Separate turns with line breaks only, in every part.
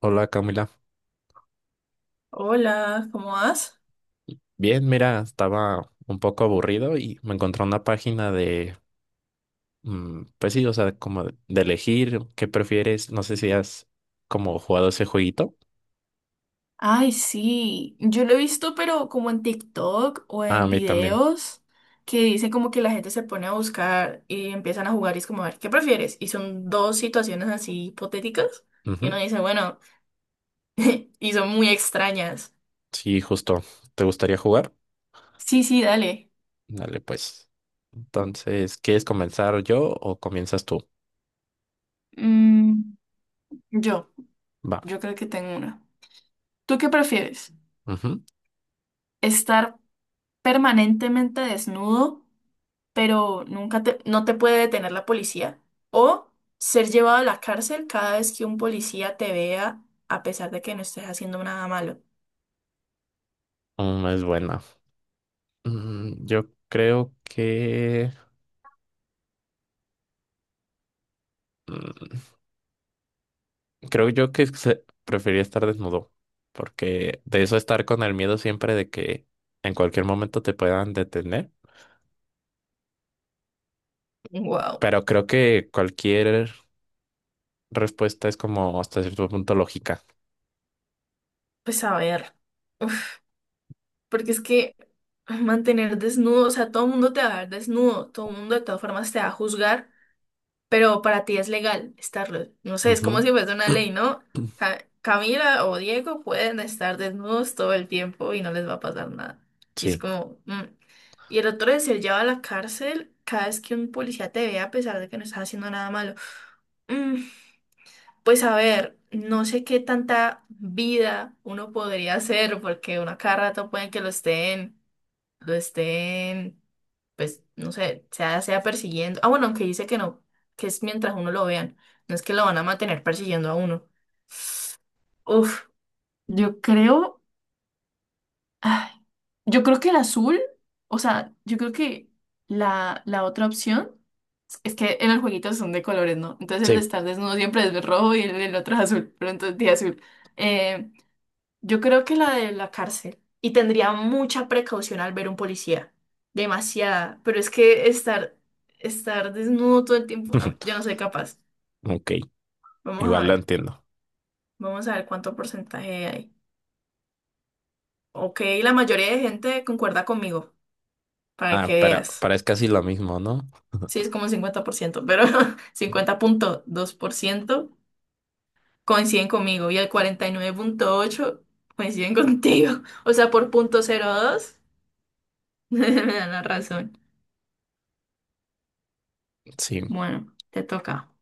Hola, Camila.
Hola, ¿cómo vas?
Bien, mira, estaba un poco aburrido y me encontré una página de, pues sí, o sea, como de elegir qué prefieres. No sé si has como jugado ese jueguito.
Ay, sí, yo lo he visto, pero como en TikTok o
Ah, a
en
mí también.
videos que dicen como que la gente se pone a buscar y empiezan a jugar y es como, a ver, ¿qué prefieres? Y son dos situaciones así hipotéticas y uno
Ujú.
dice, bueno, y son muy extrañas.
Sí, justo. ¿Te gustaría jugar?
Sí, sí, dale.
Dale, pues. Entonces, ¿quieres comenzar yo o comienzas tú?
Mm, yo,
Va.
yo creo que tengo una. ¿Tú qué prefieres?
Ujú.
¿Estar permanentemente desnudo? Pero nunca te, no te puede detener la policía. O ser llevado a la cárcel cada vez que un policía te vea, a pesar de que no estés haciendo nada malo.
Es buena. Yo creo que... mm, creo yo que prefería estar desnudo, porque de eso estar con el miedo siempre de que en cualquier momento te puedan detener,
Wow.
pero creo que cualquier respuesta es como hasta cierto punto lógica.
Pues a ver. Uf, porque es que mantener desnudo, o sea, todo el mundo te va a ver desnudo, todo el mundo de todas formas te va a juzgar. Pero para ti es legal estarlo. No sé, es como
Ujú.
si fuese una ley, ¿no? Camila o Diego pueden estar desnudos todo el tiempo y no les va a pasar nada. Y es
Sí,
como... Y el otro es ser llevado a la cárcel cada vez que un policía te vea a pesar de que no estás haciendo nada malo. Mm, Pues a ver, no sé qué tanta vida uno podría hacer porque uno a cada rato pueden que lo estén pues, no sé, sea persiguiendo. Ah, bueno, aunque dice que no, que es mientras uno lo vean. No es que lo van a mantener persiguiendo a uno. Uf, yo creo, ay, yo creo que el azul, o sea, yo creo que la otra opción es que en el jueguito son de colores, ¿no? Entonces el de
sí.
estar desnudo siempre es rojo y el otro es azul, pero entonces de azul. Eh, Yo creo que la de la cárcel. Y tendría mucha precaución al ver un policía. Demasiada. Pero es que estar desnudo todo el tiempo, ah, yo no soy capaz.
Ok,
Vamos a
igual lo
ver.
entiendo.
Vamos a ver cuánto porcentaje hay. Ok, la mayoría de gente concuerda conmigo, para
Ah,
que
pero,
veas.
pero es casi lo mismo, ¿no?
Sí, es como un 50%, pero 50.2% coinciden conmigo y el 49.8% coinciden contigo. O sea, por punto cero dos me dan la razón.
Sí,
Bueno, te toca.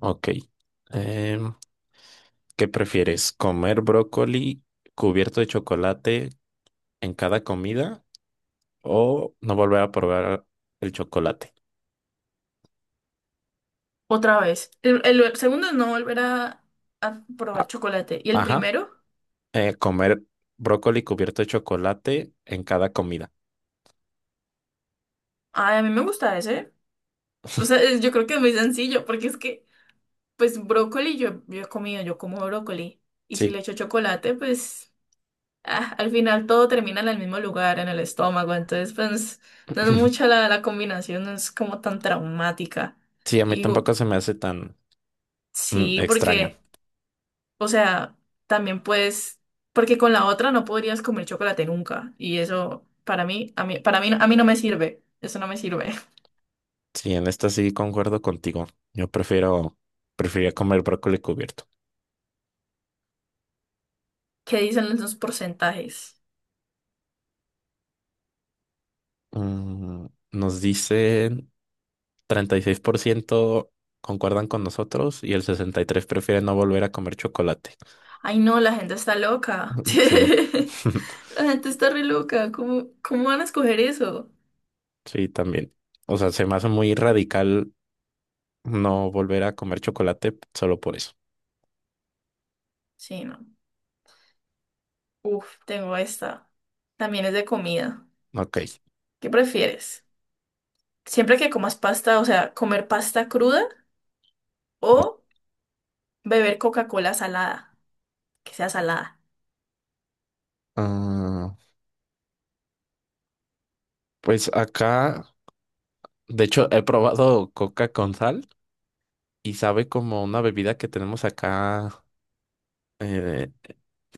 ok. Em, ¿Qué prefieres? ¿Comer brócoli cubierto de chocolate en cada comida? ¿O no volver a probar el chocolate?
Otra vez. El segundo es no volver a probar
A-
chocolate. ¿Y el
Ajá.
primero?
Comer brócoli cubierto de chocolate en cada comida.
Ay, a mí me gusta ese. O sea, yo creo que es muy sencillo, porque es que, pues, brócoli yo he comido, yo como brócoli. Y si le
Sí.
echo chocolate, pues, ah, al final todo termina en el mismo lugar, en el estómago. Entonces, pues, no es mucha la combinación, no es como tan traumática.
Sí, a mí
Y digo,
tampoco se me hace tan
sí,
extraño.
porque... O sea, también puedes, porque con la otra no podrías comer chocolate nunca. Y eso para mí, a mí, para mí, a mí no me sirve. Eso no me sirve.
Sí, en esta sí concuerdo contigo. Yo prefiero, preferiría comer brócoli cubierto.
¿Qué dicen los porcentajes?
Nos dicen 36% concuerdan con nosotros y el 63% prefiere no volver a comer chocolate.
Ay, no, la gente está loca.
Sí,
La gente está re loca. Cómo van a escoger eso?
sí, también. O sea, se me hace muy radical no volver a comer chocolate solo por eso.
Sí, no. Uf, tengo esta. También es de comida.
Ok.
¿Qué prefieres? Siempre que comas pasta, o sea, comer pasta cruda o beber Coca-Cola salada, que sea salada.
Ah, pues acá, de hecho, he probado coca con sal y sabe como una bebida que tenemos acá, eh,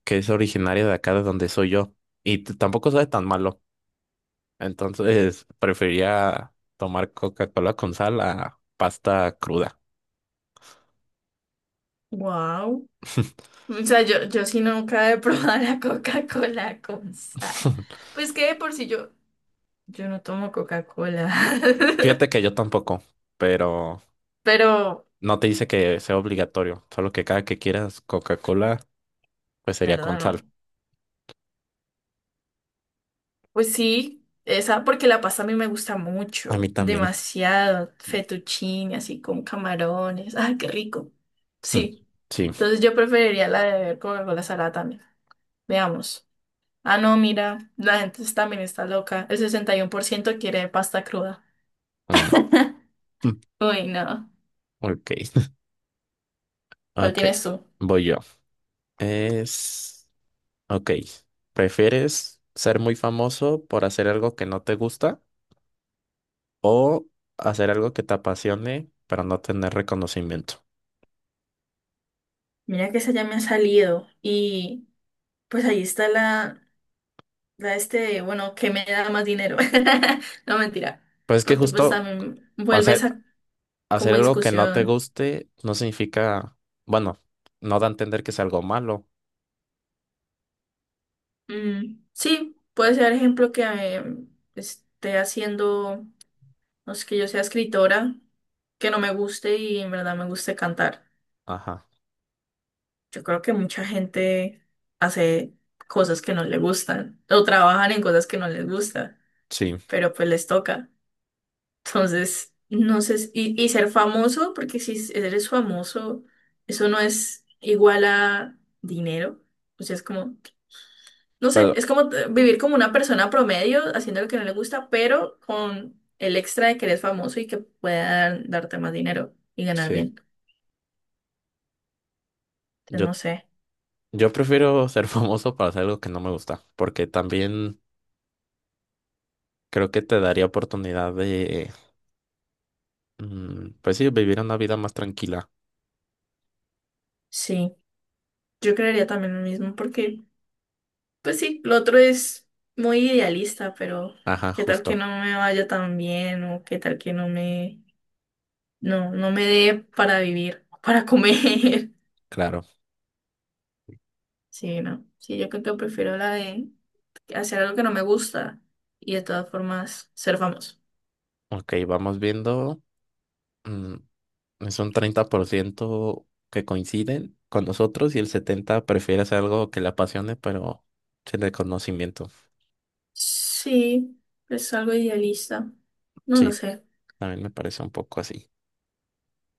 que es originaria de acá de donde soy yo. Y tampoco sabe tan malo. Entonces, prefería tomar Coca-Cola con sal a pasta cruda.
Wow. O sea, yo sí nunca he probado la Coca-Cola con sal. Pues que de por si yo no tomo Coca-Cola.
Fíjate que yo tampoco, pero
Pero,
no te dice que sea obligatorio, solo que cada que quieras Coca-Cola. Pues sería con
¿verdad? No.
sal.
Pues sí, esa porque la pasta a mí me gusta
A mí
mucho,
también.
demasiado, fettuccine, así con camarones, ¡ay, qué rico!
Mm,
Sí,
sí.
entonces yo preferiría la de beber Coca-Cola salada también. Veamos. Ah, no, mira, la gente también está loca. El 61% quiere pasta cruda.
Mm, mm,
Uy, no.
ok.
¿Cuál
Ok.
tienes tú?
Voy yo. Es. Ok. ¿Prefieres ser muy famoso por hacer algo que no te gusta o hacer algo que te apasione pero no tener reconocimiento?
Mira que esa ya me ha salido y pues ahí está bueno, que me da más dinero. No, mentira,
Pues es que
porque pues
justo
también vuelve
hacer,
esa
hacer
como
algo que no te
discusión.
guste no significa. Bueno, no da a entender que es algo malo.
Mm, sí, puede ser ejemplo que esté haciendo, no sé, que yo sea escritora, que no me guste y en verdad me guste cantar.
Ajá.
Yo creo que mucha gente hace cosas que no le gustan o trabajan en cosas que no les gusta,
Sí.
pero pues les toca. Entonces, no sé, y ser famoso, porque si eres famoso, eso no es igual a dinero. O sea, es como, no sé,
Pero
es como vivir como una persona promedio, haciendo lo que no le gusta, pero con el extra de que eres famoso y que puedan darte más dinero y ganar
sí.
bien. Entonces,
Yo
no sé,
Yo prefiero ser famoso para hacer algo que no me gusta, porque también creo que te daría oportunidad de, pues sí, vivir una vida más tranquila.
sí, yo creería también lo mismo, porque, pues sí, lo otro es muy idealista, pero
Ajá,
qué tal que
justo,
no me vaya tan bien o qué tal que no me no me dé para vivir, para comer.
claro.
Sí, no. Sí, yo creo que prefiero la de hacer algo que no me gusta y de todas formas ser famoso.
Ok, vamos viendo. mm, es un 30% que coinciden con nosotros y el 70% prefiere hacer algo que le apasione, pero sin reconocimiento.
Sí, es algo idealista. No lo
Sí,
sé.
también me parece un poco así.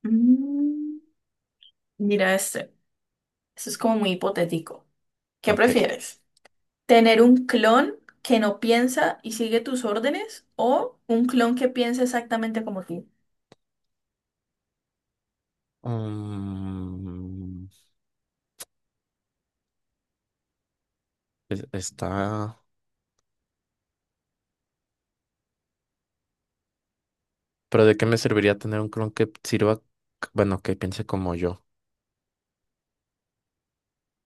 Mm, mira este. Esto es como muy hipotético. ¿Qué
Ok.
prefieres? ¿Tener un clon que no piensa y sigue tus órdenes o un clon que piensa exactamente como tú?
Mm, está. Pero ¿de qué me serviría tener un clon que sirva, bueno, que piense como yo?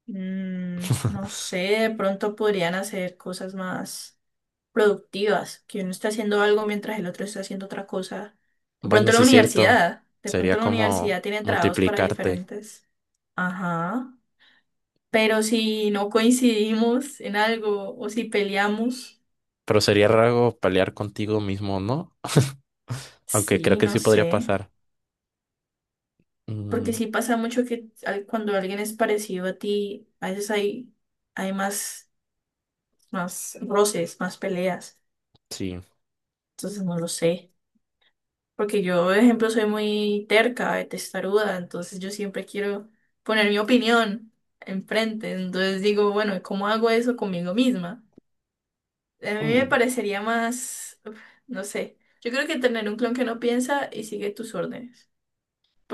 Mm, no sé, de pronto podrían hacer cosas más productivas, que uno está haciendo algo mientras el otro está haciendo otra cosa. De
Bueno,
pronto la
sí, cierto.
universidad, de pronto
Sería
la
como
universidad tiene trabajos para
multiplicarte.
diferentes. Ajá. Pero si no coincidimos en algo o si peleamos,
Pero sería raro pelear contigo mismo, ¿no? Aunque creo
sí,
que
no
sí podría
sé.
pasar.
Porque
Mm,
sí pasa mucho que cuando alguien es parecido a ti, a veces hay más roces, más peleas.
sí.
Entonces no lo sé. Porque yo, por ejemplo, soy muy terca, testaruda, entonces yo siempre quiero poner mi opinión enfrente. Entonces digo, bueno, ¿cómo hago eso conmigo misma? A mí
Uh,
me parecería más, uf, no sé, yo creo que tener un clon que no piensa y sigue tus órdenes.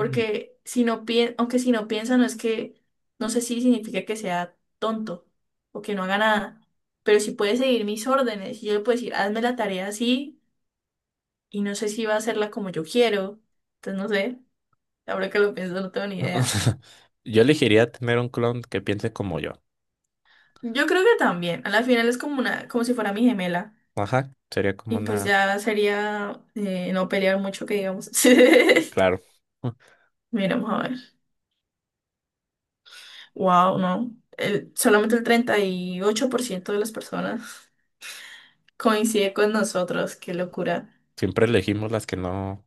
mm.
si no piensa, aunque si no piensa, no es que, no sé si significa que sea tonto o que no haga nada, pero si puede seguir mis órdenes y yo le puedo decir, hazme la tarea así y no sé si va a hacerla como yo quiero, entonces no sé. Ahora que lo pienso, no tengo ni idea.
Yo elegiría tener un clon que piense como yo.
Yo creo que también. A la final es como una, como si fuera mi gemela.
Ajá, sería como
Y pues
una.
ya sería no pelear mucho, que digamos.
Claro.
Miramos a ver. Wow, no. Solamente el 38% de las personas coincide con nosotros. Qué locura.
Siempre elegimos las que no,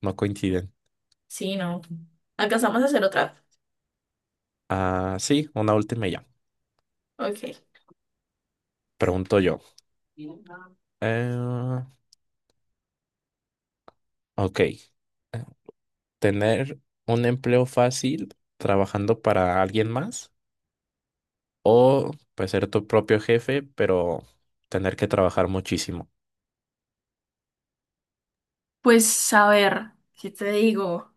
no coinciden.
Sí, no. ¿Alcanzamos a hacer otra?
Ah, sí, una última y ya.
Ok.
Pregunto yo. Eh, ok. ¿Tener un empleo fácil trabajando para alguien más o pues ser tu propio jefe, pero tener que trabajar muchísimo?
Pues a ver, ¿qué te digo?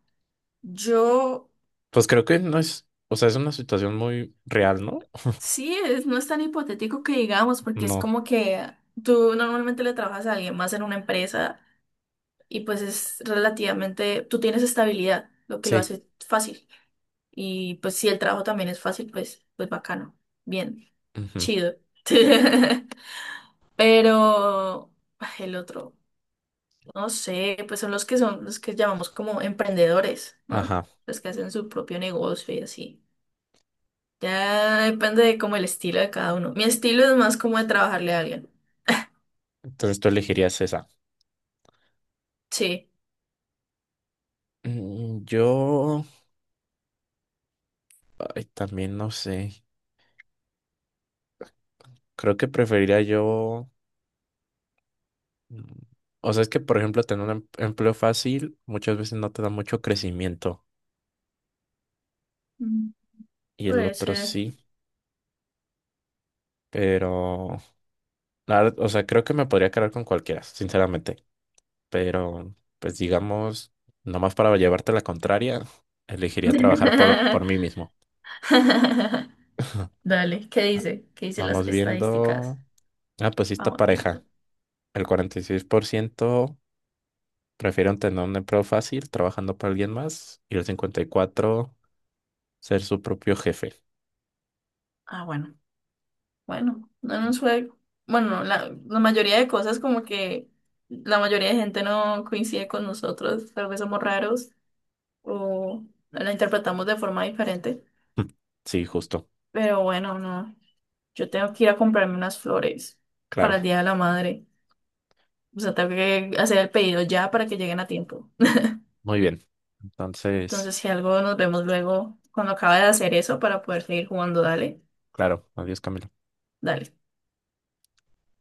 Yo.
Pues creo que no es, o sea, es una situación muy real, ¿no?
Sí, no es tan hipotético que digamos, porque es
No,
como que tú normalmente le trabajas a alguien más en una empresa y pues es relativamente, tú tienes estabilidad, lo que lo
sí.
hace fácil. Y pues si el trabajo también es fácil, pues, pues bacano, bien,
Ujú.
chido. Pero ay, el otro, no sé, pues son los que llamamos como emprendedores, ¿no?
Ajá.
Los que hacen su propio negocio y así. Ya depende de como el estilo de cada uno. Mi estilo es más como de trabajarle a alguien.
Entonces tú elegirías esa.
Sí,
Yo, ay, también no sé. Creo que preferiría yo. mm, O sea, es que, por ejemplo, tener un empleo fácil muchas veces no te da mucho crecimiento
Mm.
y el
puede
otro
ser.
sí, pero la verdad, o sea, creo que me podría quedar con cualquiera, sinceramente. Pero, pues digamos, nomás para llevarte la contraria, elegiría trabajar por mí mismo.
Dale, ¿qué
Ah.
dice? ¿Qué dice las
Vamos
estadísticas?
viendo. Ah, pues sí, esta
Vamos
pareja.
viendo.
El 46% prefieren tener un empleo fácil trabajando para alguien más y el 54% ser su propio jefe.
Ah, bueno, bueno, no nos fue. Bueno, la mayoría de cosas como que la mayoría de gente no coincide con nosotros, tal vez somos raros o no la interpretamos de forma diferente,
Sí, justo.
pero bueno, no, yo tengo que ir a comprarme unas flores para el
Claro.
Día de la Madre, o sea, tengo que hacer el pedido ya para que lleguen a tiempo.
Muy bien. Entonces,
Entonces, si algo, nos vemos luego cuando acabe de hacer eso para poder seguir jugando. Dale,
claro. Adiós, Camilo.
dale.